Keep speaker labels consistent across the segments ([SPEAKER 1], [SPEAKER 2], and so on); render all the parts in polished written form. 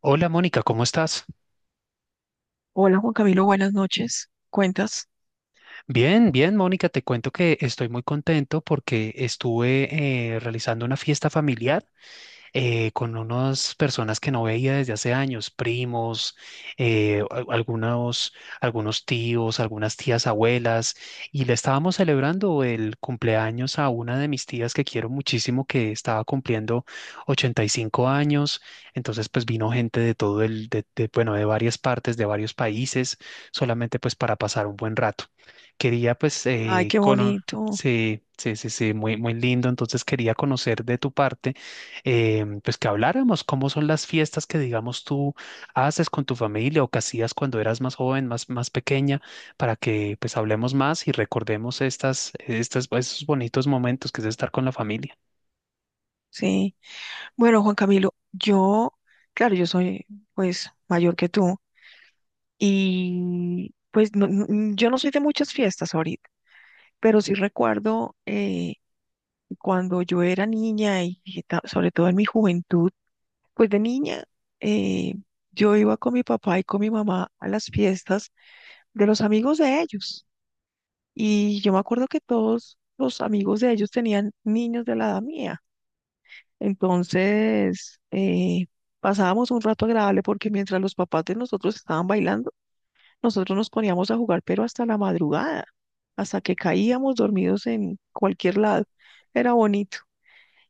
[SPEAKER 1] Hola Mónica, ¿cómo estás?
[SPEAKER 2] Hola Juan Camilo, buenas noches. ¿Cuentas?
[SPEAKER 1] Bien, bien Mónica, te cuento que estoy muy contento porque estuve realizando una fiesta familiar. Con unas personas que no veía desde hace años, primos, eh, a- algunos, algunos tíos, algunas tías abuelas, y le estábamos celebrando el cumpleaños a una de mis tías que quiero muchísimo, que estaba cumpliendo 85 años. Entonces pues vino gente de todo el, bueno, de varias partes, de varios países, solamente pues para pasar un buen rato. Quería pues
[SPEAKER 2] Ay,
[SPEAKER 1] eh,
[SPEAKER 2] qué
[SPEAKER 1] cono-
[SPEAKER 2] bonito.
[SPEAKER 1] Sí, sí, sí, sí, muy, muy lindo. Entonces quería conocer de tu parte, pues que habláramos cómo son las fiestas que, digamos, tú haces con tu familia o que hacías cuando eras más joven, más, más pequeña, para que pues hablemos más y recordemos pues, esos bonitos momentos que es estar con la familia.
[SPEAKER 2] Sí. Bueno, Juan Camilo, yo, claro, yo soy pues mayor que tú y pues yo no soy de muchas fiestas ahorita, pero sí recuerdo cuando yo era niña y sobre todo en mi juventud, pues de niña eh, yo iba con mi papá y con mi mamá a las fiestas de los amigos de ellos. Y yo me acuerdo que todos los amigos de ellos tenían niños de la edad mía. Entonces, pasábamos un rato agradable porque mientras los papás de nosotros estaban bailando, nosotros nos poníamos a jugar, pero hasta la madrugada, hasta que caíamos dormidos en cualquier lado. Era bonito.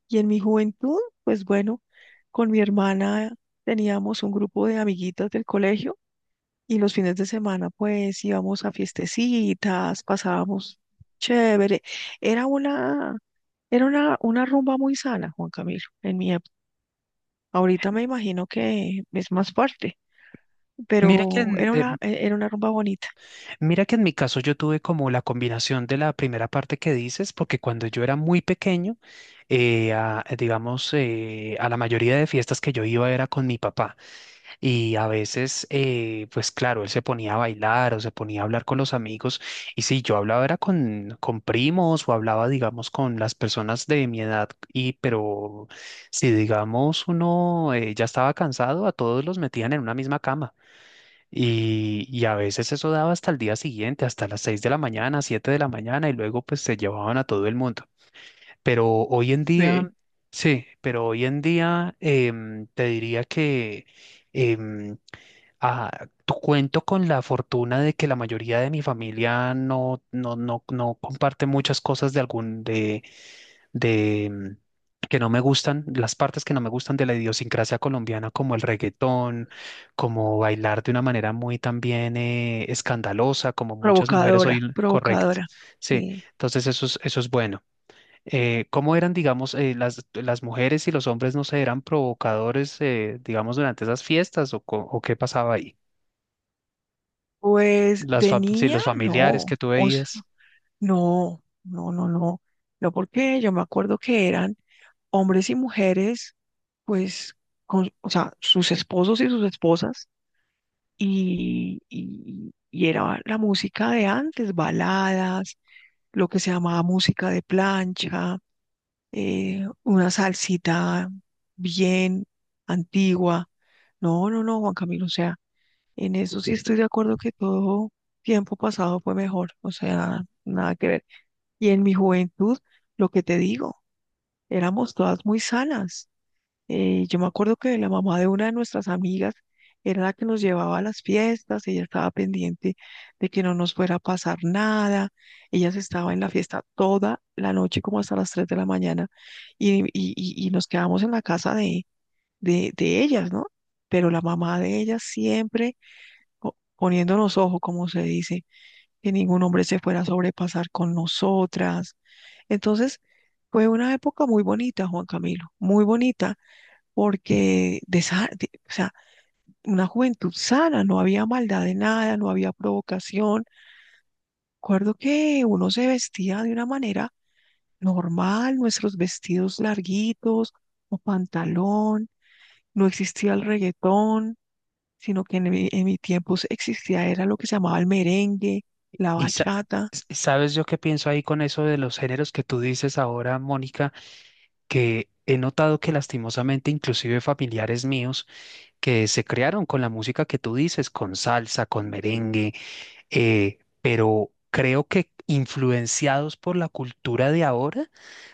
[SPEAKER 2] Y en mi juventud, pues bueno, con mi hermana teníamos un grupo de amiguitas del colegio y los fines de semana, pues íbamos a fiestecitas, pasábamos chévere. Era una, era una rumba muy sana, Juan Camilo, en mi época. Ahorita me imagino que es más fuerte,
[SPEAKER 1] Mira que,
[SPEAKER 2] pero
[SPEAKER 1] en,
[SPEAKER 2] era
[SPEAKER 1] eh,
[SPEAKER 2] una, e- era una rumba bonita.
[SPEAKER 1] mira que en mi caso yo tuve como la combinación de la primera parte que dices, porque cuando yo era muy pequeño, digamos, a la mayoría de fiestas que yo iba era con mi papá. Y a veces, pues claro, él se ponía a bailar o se ponía a hablar con los amigos. Y si yo hablaba era con primos o hablaba, digamos, con las personas de mi edad. Y pero si, digamos, uno ya estaba cansado, a todos los metían en una misma cama. Y a veces eso daba hasta el día siguiente, hasta las 6 de la mañana, 7 de la mañana, y luego pues se llevaban a todo el mundo. Pero hoy en
[SPEAKER 2] Sí.
[SPEAKER 1] día, sí, pero hoy en día, te diría que... em, Ah, cuento con la fortuna de que la mayoría de mi familia no comparte muchas cosas de algún de, que no me gustan, las partes que no me gustan de la idiosincrasia colombiana, como el reggaetón, como bailar de una manera muy también escandalosa, como muchas mujeres
[SPEAKER 2] Provocadora,
[SPEAKER 1] hoy, correcto.
[SPEAKER 2] provocadora.
[SPEAKER 1] Sí,
[SPEAKER 2] Sí.
[SPEAKER 1] entonces eso es bueno. ¿Eh, cómo eran, digamos, las mujeres y los hombres, no sé, eran provocadores, digamos, durante esas fiestas o, o qué pasaba ahí?
[SPEAKER 2] Pues de
[SPEAKER 1] Sí,
[SPEAKER 2] niña,
[SPEAKER 1] los familiares
[SPEAKER 2] no,
[SPEAKER 1] que tú
[SPEAKER 2] o sea,
[SPEAKER 1] veías.
[SPEAKER 2] no, no, no, no, no, porque yo me acuerdo que eran hombres y mujeres, pues, con, o sea, sus esposos y sus esposas, y era la música de antes, baladas, lo que se llamaba música de plancha, una salsita bien antigua. No, no, no, Juan Camilo, o sea. En eso sí estoy de acuerdo que todo tiempo pasado fue mejor, o sea, nada que ver. Y en mi juventud, lo que te digo, éramos todas muy sanas. Yo me acuerdo que la mamá de una de nuestras amigas era la que nos llevaba a las fiestas, ella estaba pendiente de que no nos fuera a pasar nada, ella se estaba en la fiesta toda la noche como hasta las 3 de la mañana y nos quedábamos en la casa de ellas, ¿no? Pero la mamá de ellas siempre poniendo los ojos, como se dice, que ningún hombre se fuera a sobrepasar con nosotras. Entonces, fue una época muy bonita, Juan Camilo, muy bonita, porque o sea, una juventud sana, no había maldad de nada, no había provocación. Recuerdo que uno se vestía de una manera normal, nuestros vestidos larguitos o pantalón, no existía el reggaetón, sino que en mi tiempo existía, era lo que se llamaba el merengue, la
[SPEAKER 1] Y sa-
[SPEAKER 2] bachata.
[SPEAKER 1] sabes yo qué pienso ahí con eso de los géneros que tú dices ahora, Mónica, que he notado que lastimosamente inclusive familiares míos que se crearon con la música que tú dices, con salsa, con merengue, pero creo que influenciados por la cultura de ahora,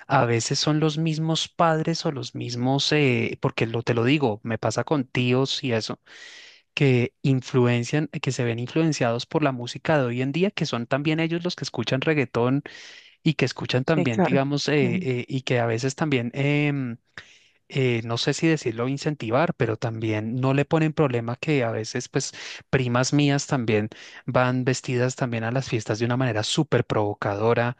[SPEAKER 1] a veces son los mismos padres o los mismos, porque lo, te lo digo, me pasa con tíos y eso, que influencian, que se ven influenciados por la música de hoy en día, que son también ellos los que escuchan reggaetón y que escuchan
[SPEAKER 2] Sí,
[SPEAKER 1] también,
[SPEAKER 2] claro.
[SPEAKER 1] digamos,
[SPEAKER 2] Mm,
[SPEAKER 1] y que a veces también, no sé si decirlo incentivar, pero también no le ponen problema que a veces, pues, primas mías también van vestidas también a las fiestas de una manera súper provocadora,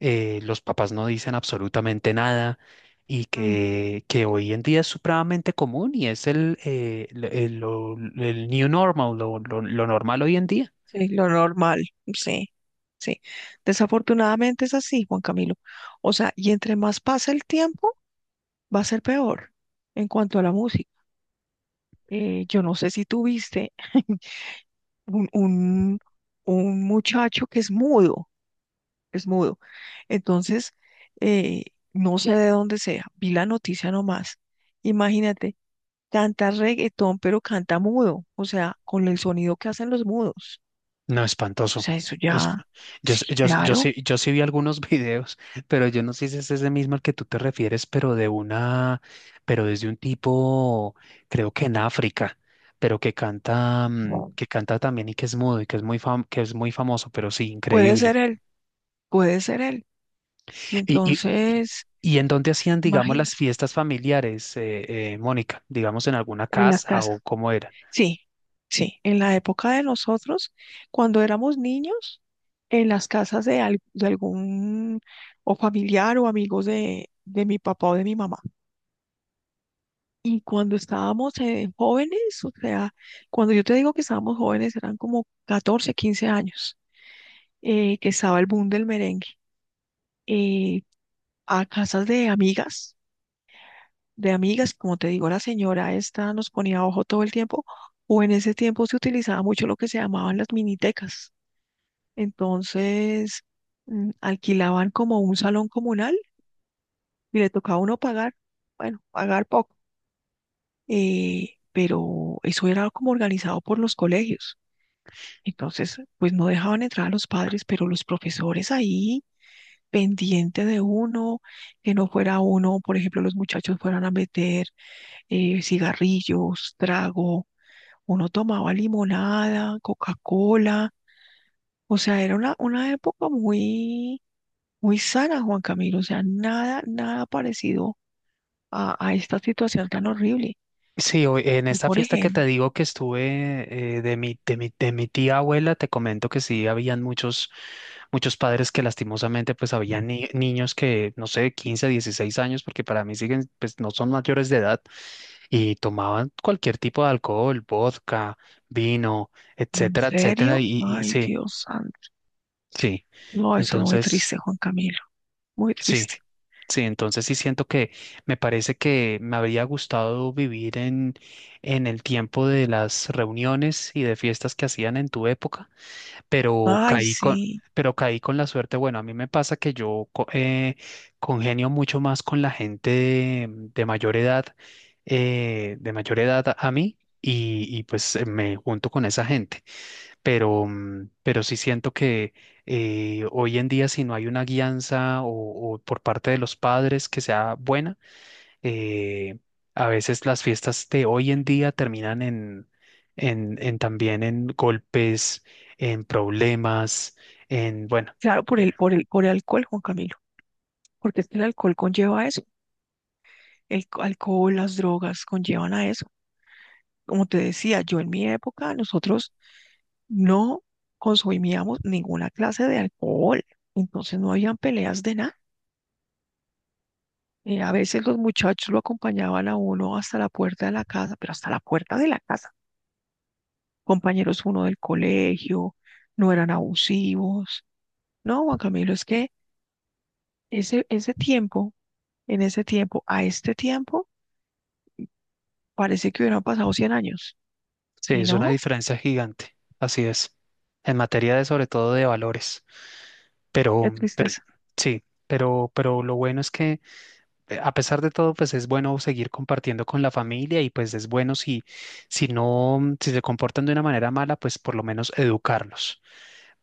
[SPEAKER 1] los papás no dicen absolutamente nada y
[SPEAKER 2] mm,
[SPEAKER 1] que hoy en día es supremamente común y es el, new normal, lo normal hoy en día.
[SPEAKER 2] sí, lo normal, sí, sí. Desafortunadamente es así, Juan Camilo. O sea, y entre más pasa el tiempo, va a ser peor en cuanto a la música. Yo no sé si tú viste un, un, un muchacho que es mudo, es mudo. Entonces, eh, no sé de dónde sea, vi la noticia nomás. Imagínate, canta reggaetón, pero canta mudo, o sea, con el sonido que hacen los mudos.
[SPEAKER 1] No,
[SPEAKER 2] O
[SPEAKER 1] espantoso.
[SPEAKER 2] sea, eso
[SPEAKER 1] Es,
[SPEAKER 2] ya,
[SPEAKER 1] yo,
[SPEAKER 2] sí,
[SPEAKER 1] s- yo, s- yo,
[SPEAKER 2] claro,
[SPEAKER 1] sí, yo sí vi algunos videos, pero yo no sé si es ese mismo al que tú te refieres, pero de una, pero desde un tipo, creo que en África, pero que canta también y que es mudo y que es muy fam- que es muy famoso, pero sí,
[SPEAKER 2] puede
[SPEAKER 1] increíble.
[SPEAKER 2] ser él, puede ser él. Y
[SPEAKER 1] Y, y, y,
[SPEAKER 2] entonces,
[SPEAKER 1] y ¿en dónde hacían, digamos,
[SPEAKER 2] imagínate,
[SPEAKER 1] las fiestas familiares, Mónica? Digamos, en alguna
[SPEAKER 2] en las
[SPEAKER 1] casa
[SPEAKER 2] casas.
[SPEAKER 1] o cómo era.
[SPEAKER 2] Sí, sí. En la época de nosotros, cuando éramos niños, en las casas de algún o familiar o amigos de mi papá o de mi mamá. Y cuando estábamos jóvenes, o sea, cuando yo te digo que estábamos jóvenes, eran como 14, 15 años, que estaba el boom del merengue. eh, a casas de amigas, como te digo, la señora esta nos ponía ojo todo el tiempo, o en ese tiempo se utilizaba mucho lo que se llamaban las minitecas. Entonces, alquilaban como un salón comunal y le tocaba a uno pagar, bueno, pagar poco, pero eso era como organizado por los colegios. Entonces, pues no dejaban entrar a los padres, pero los profesores ahí pendiente de uno, que no fuera uno, por ejemplo, los muchachos fueran a meter cigarrillos, trago, uno tomaba limonada, Coca-Cola, o sea, era una época muy muy sana, Juan Camilo, o sea, nada, nada parecido a esta situación tan horrible.
[SPEAKER 1] Sí, en
[SPEAKER 2] Tú,
[SPEAKER 1] esta
[SPEAKER 2] por
[SPEAKER 1] fiesta que te
[SPEAKER 2] ejemplo,
[SPEAKER 1] digo que estuve, eh, de mi tía abuela, te comento que sí habían muchos, muchos padres que lastimosamente pues habían niños que, no sé, 15 16 años, porque para mí siguen, pues no son mayores de edad, y tomaban cualquier tipo de alcohol, vodka, vino,
[SPEAKER 2] ¿en
[SPEAKER 1] etcétera, etcétera,
[SPEAKER 2] serio?
[SPEAKER 1] y
[SPEAKER 2] Ay,
[SPEAKER 1] sí,
[SPEAKER 2] Dios santo.
[SPEAKER 1] sí.
[SPEAKER 2] No, eso es muy triste,
[SPEAKER 1] Entonces,
[SPEAKER 2] Juan Camilo, muy
[SPEAKER 1] sí.
[SPEAKER 2] triste.
[SPEAKER 1] Sí, entonces sí siento que me parece que me habría gustado vivir en, el tiempo de las reuniones y de fiestas que hacían en tu época, pero
[SPEAKER 2] Ay,
[SPEAKER 1] caí con,
[SPEAKER 2] sí.
[SPEAKER 1] pero caí con la suerte. Bueno, a mí me pasa que yo congenio mucho más con la gente de mayor edad, de mayor edad a mí, y pues me junto con esa gente, pero, sí siento que hoy en día si no hay una guianza o por parte de los padres que sea buena, eh, a veces las fiestas de hoy en día terminan en, en también en golpes, en problemas, en, bueno,
[SPEAKER 2] Claro, por
[SPEAKER 1] eh,
[SPEAKER 2] el, por el, por el alcohol, Juan Camilo, porque es que el alcohol conlleva eso. El alcohol, las drogas conllevan a eso. Como te decía, yo en mi época, nosotros no consumíamos ninguna clase de alcohol, entonces no habían peleas de nada. A veces los muchachos lo acompañaban a uno hasta la puerta de la casa, pero hasta la puerta de la casa. Compañeros uno del colegio, no eran abusivos. No, Juan Camilo, es que ese tiempo, en ese tiempo, a este tiempo, parece que hubieran pasado 100 años.
[SPEAKER 1] sí,
[SPEAKER 2] Y
[SPEAKER 1] es una
[SPEAKER 2] no,
[SPEAKER 1] diferencia gigante, así es, en materia de sobre todo de valores,
[SPEAKER 2] qué
[SPEAKER 1] pero
[SPEAKER 2] tristeza.
[SPEAKER 1] sí, pero lo bueno es que, a pesar de todo, pues es bueno seguir compartiendo con la familia, y pues es bueno si, si no, si se comportan de una manera mala, pues por lo menos educarlos.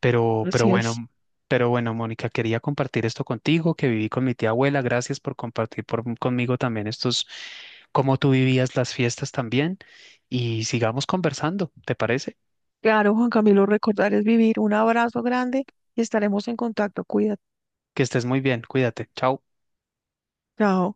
[SPEAKER 1] Pero, pero
[SPEAKER 2] Así es.
[SPEAKER 1] bueno, pero bueno, Mónica, quería compartir esto contigo, que viví con mi tía abuela. Gracias por compartir conmigo también estos, cómo tú vivías las fiestas también. Y sigamos conversando, ¿te parece?
[SPEAKER 2] Claro, Juan Camilo, recordar es vivir. Un abrazo grande y estaremos en contacto. Cuídate.
[SPEAKER 1] Que estés muy bien, cuídate, chao.
[SPEAKER 2] Chao.